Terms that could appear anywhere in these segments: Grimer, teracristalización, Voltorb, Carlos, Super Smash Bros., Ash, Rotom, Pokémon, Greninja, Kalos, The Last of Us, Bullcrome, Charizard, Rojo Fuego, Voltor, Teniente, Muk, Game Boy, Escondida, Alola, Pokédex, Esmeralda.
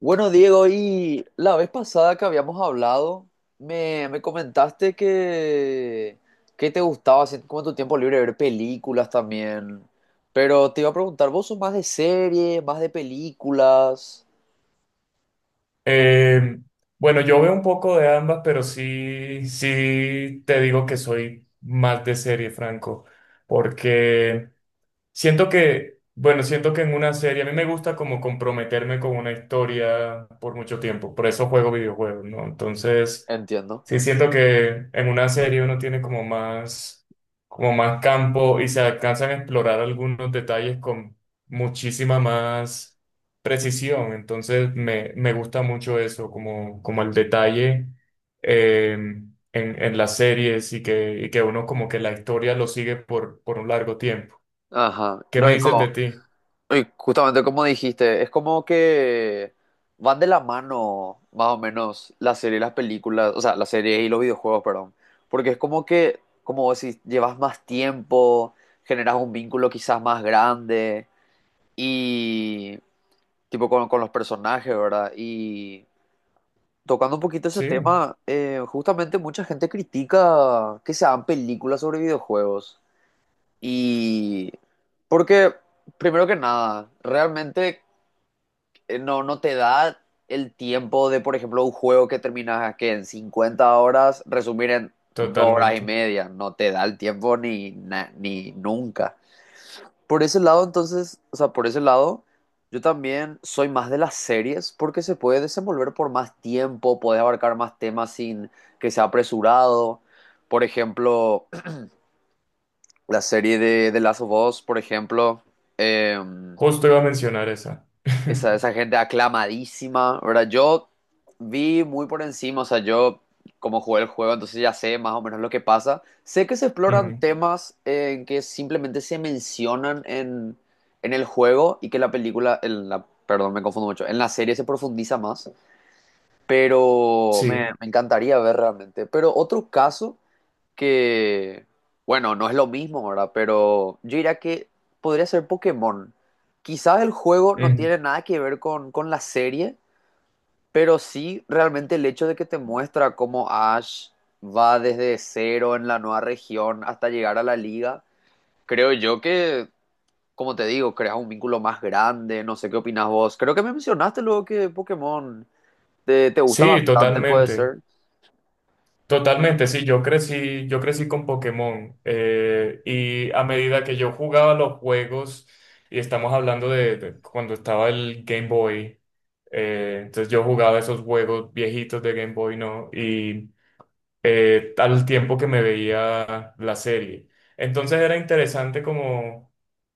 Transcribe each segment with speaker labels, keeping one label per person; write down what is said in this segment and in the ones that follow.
Speaker 1: Bueno, Diego, y la vez pasada que habíamos hablado, me comentaste que te gustaba hacer como en tu tiempo libre ver películas también. Pero te iba a preguntar, ¿vos sos más de series, más de películas?
Speaker 2: Eh, bueno, yo veo un poco de ambas, pero sí, sí te digo que soy más de serie, Franco, porque siento que, bueno, siento que en una serie a mí me gusta como comprometerme con una historia por mucho tiempo, por eso juego videojuegos, ¿no? Entonces,
Speaker 1: Entiendo.
Speaker 2: sí siento que en una serie uno tiene como más campo y se alcanzan a explorar algunos detalles con muchísima más precisión, entonces me gusta mucho eso, como, como el detalle eh, en, en las series y que uno como que la historia lo sigue por un largo tiempo.
Speaker 1: Ajá.
Speaker 2: ¿Qué
Speaker 1: Lo
Speaker 2: me dices de
Speaker 1: único.
Speaker 2: ti?
Speaker 1: Y justamente como dijiste, es como que van de la mano, más o menos, las series y las películas, o sea, las series y los videojuegos, perdón. Porque es como que, como vos decís, llevas más tiempo, generas un vínculo quizás más grande y, tipo, con los personajes, ¿verdad? Y tocando un poquito ese
Speaker 2: Sí,
Speaker 1: tema, justamente mucha gente critica que se hagan películas sobre videojuegos. Y porque, primero que nada, realmente no te da el tiempo de, por ejemplo, un juego que terminas que en 50 horas, resumir en dos horas y
Speaker 2: totalmente.
Speaker 1: media. No te da el tiempo ni, ni nunca. Por ese lado, entonces, o sea, por ese lado, yo también soy más de las series porque se puede desenvolver por más tiempo, puedes abarcar más temas sin que sea apresurado. Por ejemplo, la serie de The Last of Us, por ejemplo, eh,
Speaker 2: Justo iba a mencionar esa.
Speaker 1: Esa, esa gente aclamadísima, ¿verdad? Yo vi muy por encima, o sea, yo como jugué el juego, entonces ya sé más o menos lo que pasa. Sé que se exploran
Speaker 2: Mm,
Speaker 1: temas en que simplemente se mencionan en el juego y que la película, en la, perdón, me confundo mucho, en la serie se profundiza más. Pero
Speaker 2: sí,
Speaker 1: me encantaría ver realmente. Pero otro caso que, bueno, no es lo mismo, ¿verdad? Pero yo diría que podría ser Pokémon. Quizás el juego no
Speaker 2: ujú.
Speaker 1: tiene nada que ver con la serie, pero sí realmente el hecho de que te muestra cómo Ash va desde cero en la nueva región hasta llegar a la liga. Creo yo que, como te digo, creas un vínculo más grande. No sé qué opinas vos. Creo que me mencionaste luego que Pokémon te gusta
Speaker 2: Sí,
Speaker 1: bastante, puede ser.
Speaker 2: totalmente. Totalmente, sí, yo crecí con Pokémon, y a medida que yo jugaba los juegos, y estamos hablando de cuando estaba el Game Boy, entonces yo jugaba esos juegos viejitos de Game Boy, ¿no? Y al tiempo que me veía la serie. Entonces era interesante como,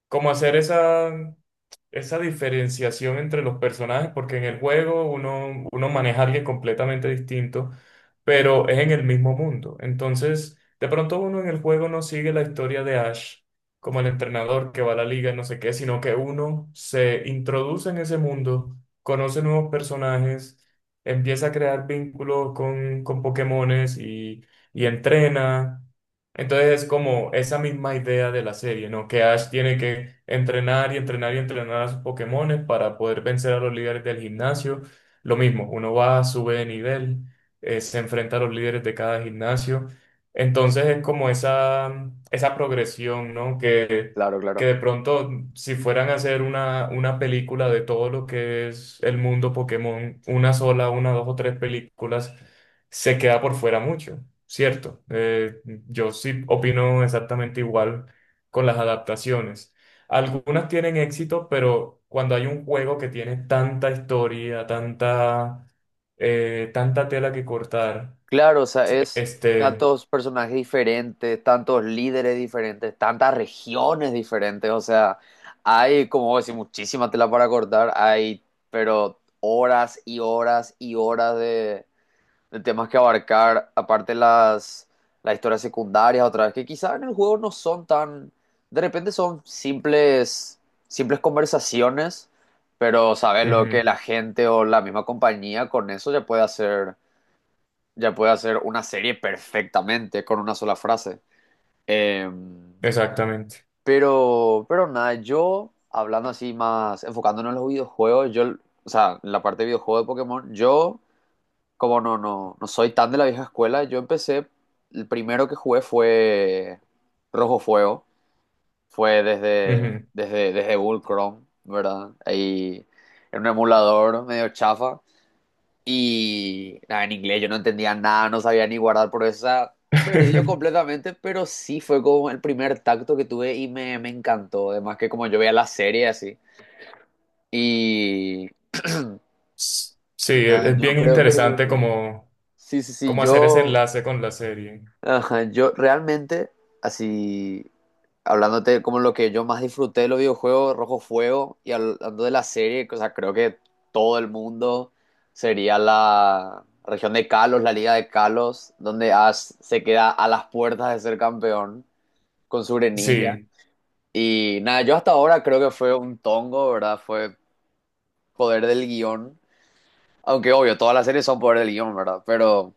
Speaker 2: como hacer esa, esa diferenciación entre los personajes, porque en el juego uno maneja a alguien completamente distinto, pero es en el mismo mundo. Entonces, de pronto uno en el juego no sigue la historia de Ash como el entrenador que va a la liga y no sé qué, sino que uno se introduce en ese mundo, conoce nuevos personajes empieza a crear vínculos con Pokémones y entrena. Entonces es como esa misma idea de la serie, ¿no? Que Ash tiene que entrenar y entrenar y entrenar a sus Pokémones para poder vencer a los líderes del gimnasio. Lo mismo, uno va, sube de nivel, se enfrenta a los líderes de cada gimnasio. Entonces es como esa progresión, ¿no? Que
Speaker 1: Claro,
Speaker 2: que
Speaker 1: claro.
Speaker 2: de pronto, si fueran a hacer una película de todo lo que es el mundo Pokémon, una sola, una, dos o tres películas, se queda por fuera mucho, ¿cierto? Yo sí opino exactamente igual con las adaptaciones. Algunas tienen éxito, pero cuando hay un juego que tiene tanta historia, tanta, tanta tela que cortar,
Speaker 1: Claro, o sea, es
Speaker 2: este,
Speaker 1: tantos personajes diferentes, tantos líderes diferentes, tantas regiones diferentes, o sea, hay, como vos decís, muchísima tela para cortar, hay, pero horas y horas y horas de temas que abarcar, aparte las historias secundarias, otra vez, que quizás en el juego no son tan, de repente son simples, simples conversaciones, pero sabes lo que
Speaker 2: ujú,
Speaker 1: la gente o la misma compañía con eso ya puede hacer una serie perfectamente con una sola frase. Eh,
Speaker 2: exactamente.
Speaker 1: pero nada, yo hablando así más, enfocándonos en los videojuegos, yo, o sea, en la parte de videojuegos de Pokémon, yo, como no soy tan de la vieja escuela, yo empecé, el primero que jugué fue Rojo Fuego, fue
Speaker 2: Ujú.
Speaker 1: desde Bullcrome, ¿verdad? Ahí en un emulador medio chafa. Y nada, en inglés yo no entendía nada, no sabía ni guardar por esa. Perdió completamente, pero sí fue como el primer tacto que tuve y me encantó. Además que como yo veía la serie así. Y
Speaker 2: Sí, e-
Speaker 1: nada,
Speaker 2: es
Speaker 1: yo
Speaker 2: bien
Speaker 1: creo que
Speaker 2: interesante como,
Speaker 1: sí, sí, sí,
Speaker 2: como hacer ese
Speaker 1: yo
Speaker 2: enlace con la serie.
Speaker 1: Ajá, yo realmente, así, hablándote como lo que yo más disfruté de los videojuegos, Rojo Fuego, y hablando de la serie, o sea, creo que todo el mundo sería la región de Kalos, la liga de Kalos, donde Ash se queda a las puertas de ser campeón con su Greninja.
Speaker 2: Sí,
Speaker 1: Y nada, yo hasta ahora creo que fue un tongo, ¿verdad? Fue poder del guión. Aunque obvio, todas las series son poder del guión, ¿verdad? Pero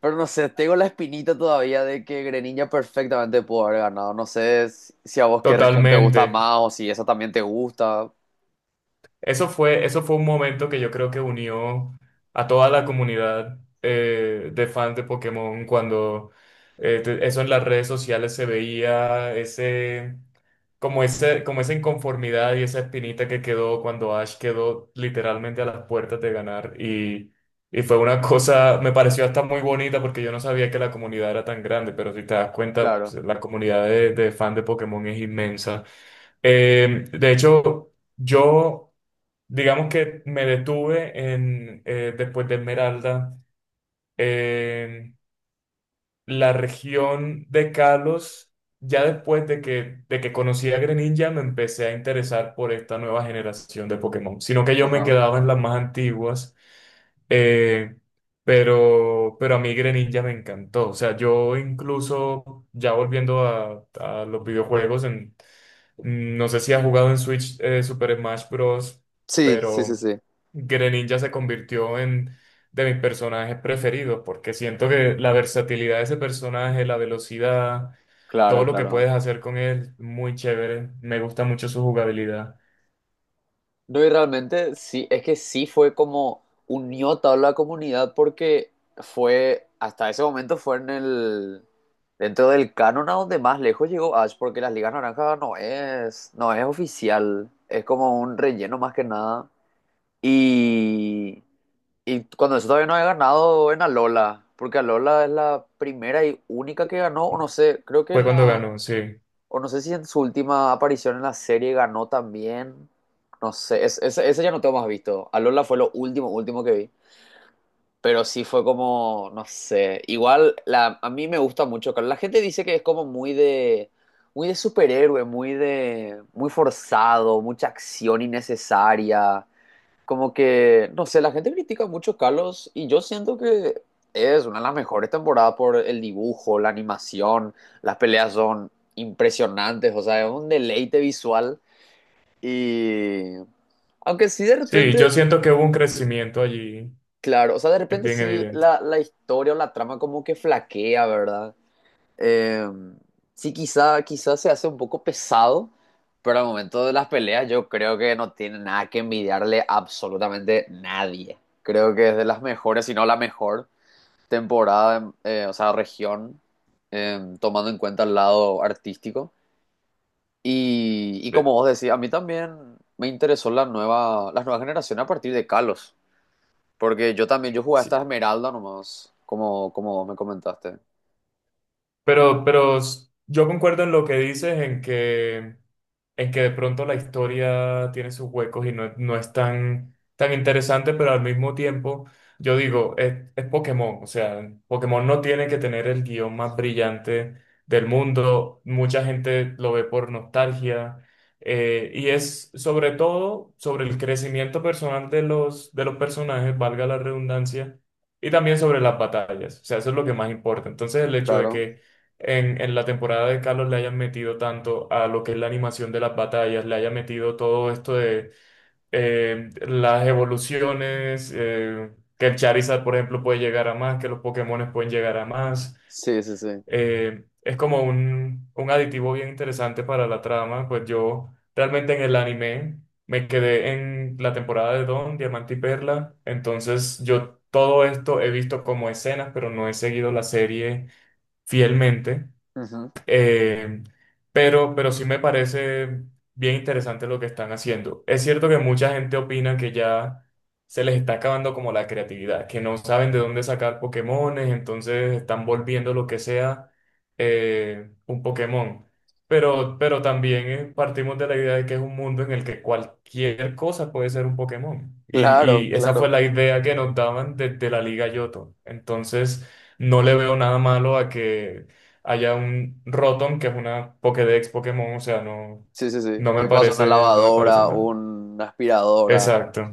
Speaker 1: Pero no sé, tengo la espinita todavía de que Greninja perfectamente pudo haber ganado. No sé si a vos qué región te sí gusta sí
Speaker 2: totalmente.
Speaker 1: más o si esa también te gusta.
Speaker 2: Eso fue un momento que yo creo que unió a toda la comunidad, de fans de Pokémon cuando eso en las redes sociales se veía, ese, como esa inconformidad y esa espinita que quedó cuando Ash quedó literalmente a las puertas de ganar. Y fue una cosa, me pareció hasta muy bonita porque yo no sabía que la comunidad era tan grande, pero si te das cuenta, pues,
Speaker 1: Claro,
Speaker 2: la comunidad de fans de Pokémon es inmensa. De hecho, yo... Digamos que me detuve en, después de Esmeralda. Eh, la región de Kalos, ya después de que conocí a Greninja, me empecé a interesar por esta nueva generación de Pokémon, sino que yo me
Speaker 1: ajá.
Speaker 2: quedaba en las más antiguas, eh, pero a mí Greninja me encantó, o sea, yo incluso, ya volviendo a los videojuegos, en, mm, no sé si has jugado en Switch, Super Smash Bros.,
Speaker 1: Sí, sí, sí,
Speaker 2: pero...
Speaker 1: sí.
Speaker 2: Greninja se convirtió en de mis personajes preferidos, porque siento que la versatilidad de ese personaje, la velocidad, todo
Speaker 1: Claro,
Speaker 2: lo que
Speaker 1: claro.
Speaker 2: puedes hacer con él, muy chévere. Me gusta mucho su jugabilidad.
Speaker 1: No, y realmente sí, es que sí fue como unió a toda la comunidad porque fue, hasta ese momento fue dentro del canon a donde más lejos llegó Ash, porque las Ligas Naranjas no es oficial, es como un relleno más que nada. Y... Y cuando eso todavía no he ganado en Alola, porque Alola es la primera y única que ganó, o no sé, creo que
Speaker 2: Fue
Speaker 1: en
Speaker 2: cuando
Speaker 1: la,
Speaker 2: ganó, sí.
Speaker 1: o no sé si en su última aparición en la serie ganó también, no sé, ese ya no tengo más visto. Alola fue lo último, último que vi, pero sí fue como, no sé, igual la, a mí me gusta mucho, claro, la gente dice que es como muy muy de superhéroe, muy forzado, mucha acción innecesaria como que, no sé, la gente critica mucho a Carlos y yo siento que es una de las mejores temporadas por el dibujo, la animación, las peleas son impresionantes, o sea, es un deleite visual y aunque sí de
Speaker 2: Sí,
Speaker 1: repente,
Speaker 2: yo siento que hubo un crecimiento allí,
Speaker 1: claro, o sea, de
Speaker 2: es
Speaker 1: repente
Speaker 2: bien
Speaker 1: sí
Speaker 2: evidente.
Speaker 1: la historia o la trama como que flaquea, ¿verdad? Eh, sí, quizá se hace un poco pesado, pero al momento de las peleas yo creo que no tiene nada que envidiarle a absolutamente nadie. Creo que es de las mejores, si no la mejor temporada, o sea, región, tomando en cuenta el lado artístico. Y como
Speaker 2: Eh,
Speaker 1: vos decís, a mí también me interesó la nueva, las nuevas generaciones a partir de Kalos, porque yo también, yo jugué hasta
Speaker 2: sí.
Speaker 1: Esmeralda nomás, como, como vos me comentaste.
Speaker 2: Pero s- yo concuerdo en lo que dices, en que de pronto la historia tiene sus huecos y no, no es tan, tan interesante, pero al mismo tiempo, yo digo, es Pokémon, o sea, Pokémon no tiene que tener el guión más brillante del mundo, mucha gente lo ve por nostalgia, y es sobre todo sobre el crecimiento personal de los personajes, valga la redundancia, y también sobre las batallas, o sea, eso es lo que más importa. Entonces, el hecho de
Speaker 1: Claro.
Speaker 2: que en la temporada de Carlos le hayan metido tanto a lo que es la animación de las batallas, le hayan metido todo esto de las evoluciones, que el Charizard, por ejemplo, puede llegar a más, que los Pokémones pueden llegar a más.
Speaker 1: Sí, sí, sí.
Speaker 2: Es como un aditivo bien interesante para la trama, pues yo realmente en el anime me quedé en la temporada de Don, Diamante y Perla, entonces yo todo esto he visto como escenas, pero no he seguido la serie fielmente.
Speaker 1: Ujú.
Speaker 2: Eh, pero sí me parece bien interesante lo que están haciendo. Es cierto que mucha gente opina que ya se les está acabando como la creatividad, que no saben de dónde sacar Pokémones, entonces están volviendo lo que sea un Pokémon. Pero también, partimos de la idea de que es un mundo en el que cualquier cosa puede ser un Pokémon.
Speaker 1: Claro,
Speaker 2: Y esa fue
Speaker 1: claro.
Speaker 2: la idea que nos daban desde la Liga Yoto. Entonces, no le veo nada malo a que haya un Rotom que es una Pokédex Pokémon, o sea, no,
Speaker 1: Sí, sí, sí.
Speaker 2: no me
Speaker 1: ¿Qué pasa? Una
Speaker 2: parece, no me parece
Speaker 1: lavadora,
Speaker 2: mal.
Speaker 1: una aspiradora.
Speaker 2: Exacto,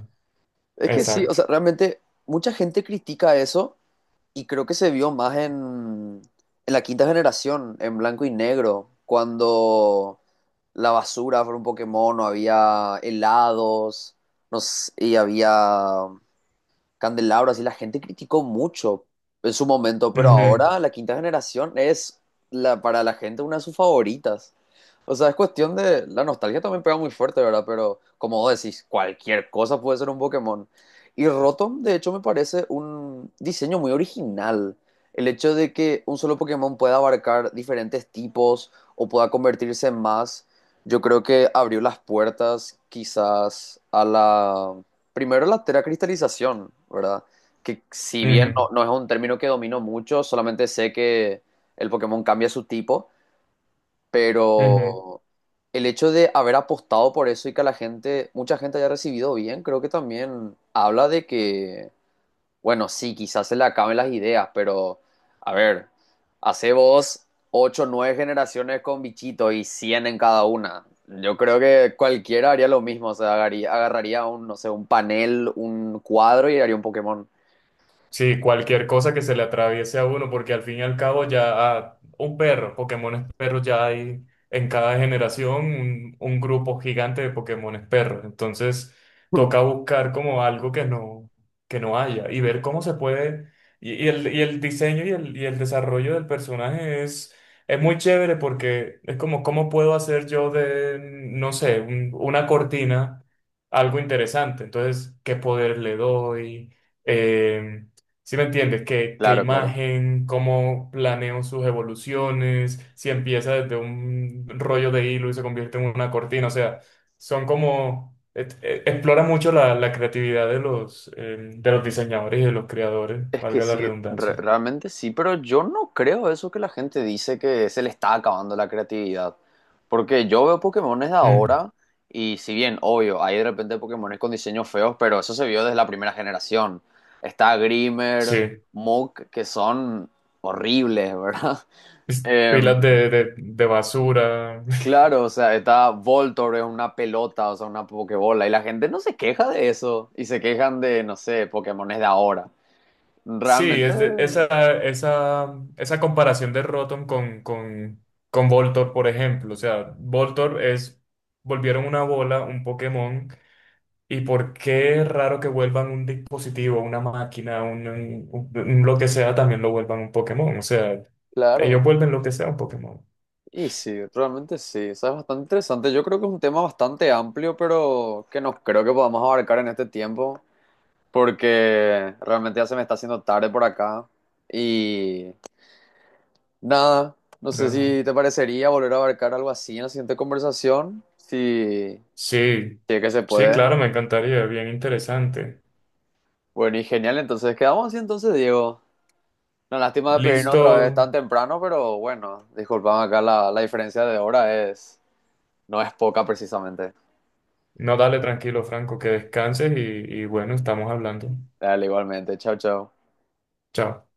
Speaker 1: Es que sí, o
Speaker 2: exacto.
Speaker 1: sea, realmente mucha gente critica eso y creo que se vio más en la quinta generación, en blanco y negro, cuando la basura fue un Pokémon, o había helados, no sé, y había Candelabro, así la gente criticó mucho en su momento, pero
Speaker 2: Ujú,
Speaker 1: ahora la quinta generación es la, para la gente una de sus favoritas. O sea, es cuestión de. La nostalgia también pega muy fuerte, ¿verdad? Pero como vos decís, cualquier cosa puede ser un Pokémon. Y Rotom, de hecho, me parece un diseño muy original. El hecho de que un solo Pokémon pueda abarcar diferentes tipos o pueda convertirse en más, yo creo que abrió las puertas quizás a la, primero la teracristalización, ¿verdad? Que si bien
Speaker 2: ujú,
Speaker 1: no es un término que domino mucho, solamente sé que el Pokémon cambia su tipo,
Speaker 2: ujú.
Speaker 1: pero el hecho de haber apostado por eso y que la gente, mucha gente haya recibido bien, creo que también habla de que bueno, sí, quizás se le acaben las ideas, pero a ver, hace vos 8, 9 generaciones con bichito y 100 en cada una. Yo creo que cualquiera haría lo mismo, o sea, agarraría un, no sé, un panel, un cuadro y haría un Pokémon.
Speaker 2: Sí, cualquier cosa que se le atraviese a uno, porque al fin y al cabo ya, un perro, Pokémones perros ya hay en cada generación un grupo gigante de Pokémones perros. Entonces toca buscar como algo que no haya y ver cómo se puede. Y el diseño y el desarrollo del personaje es muy chévere porque es como cómo puedo hacer yo de, no sé, una cortina algo interesante. Entonces, ¿qué poder le doy? Em, ¿Si me entiendes? ¿Qué, qué
Speaker 1: Claro, claro.
Speaker 2: imagen? ¿Cómo planeo sus evoluciones? Si empieza desde un rollo de hilo y se convierte en una cortina. O sea, son como... Explora mucho la, la creatividad de los diseñadores y de los creadores,
Speaker 1: Es que
Speaker 2: valga la
Speaker 1: sí,
Speaker 2: redundancia.
Speaker 1: realmente sí, pero yo no creo eso que la gente dice que se le está acabando la creatividad. Porque yo veo Pokémones de
Speaker 2: Mm,
Speaker 1: ahora y si bien, obvio, hay de repente Pokémones con diseños feos, pero eso se vio desde la primera generación. Está Grimer,
Speaker 2: sí.
Speaker 1: Muk, que son horribles, ¿verdad?
Speaker 2: Es-
Speaker 1: Eh,
Speaker 2: pilas de basura.
Speaker 1: claro, o sea, está Voltor, es una pelota, o sea, una Pokébola, y la gente no se queja de eso, y se quejan de, no sé, Pokémones de ahora.
Speaker 2: Sí,
Speaker 1: Realmente,
Speaker 2: es de- esa comparación de Rotom con Voltorb, por ejemplo. O sea, Voltorb es, volvieron una bola, un Pokémon, y por qué es raro que vuelvan un dispositivo, una máquina, un, lo que sea, también lo vuelvan un Pokémon. O sea, ellos
Speaker 1: claro.
Speaker 2: vuelven lo que sea un Pokémon.
Speaker 1: Y sí, realmente sí, o sea, es bastante interesante. Yo creo que es un tema bastante amplio, pero que no creo que podamos abarcar en este tiempo, porque realmente ya se me está haciendo tarde por acá. Y nada, no sé
Speaker 2: Ajá.
Speaker 1: si te parecería volver a abarcar algo así en la siguiente conversación, si,
Speaker 2: Sí,
Speaker 1: si es que se
Speaker 2: sí,
Speaker 1: puede.
Speaker 2: claro, me encantaría, bien interesante.
Speaker 1: Bueno, y genial, entonces quedamos así entonces, Diego. La lástima de pedirnos
Speaker 2: Listo,
Speaker 1: otra vez tan temprano, pero bueno, disculpame acá la, la diferencia de hora es, no es poca precisamente.
Speaker 2: no dale tranquilo, Franco, que descanses y bueno, estamos hablando.
Speaker 1: Dale, igualmente, chao, chao.
Speaker 2: Chao.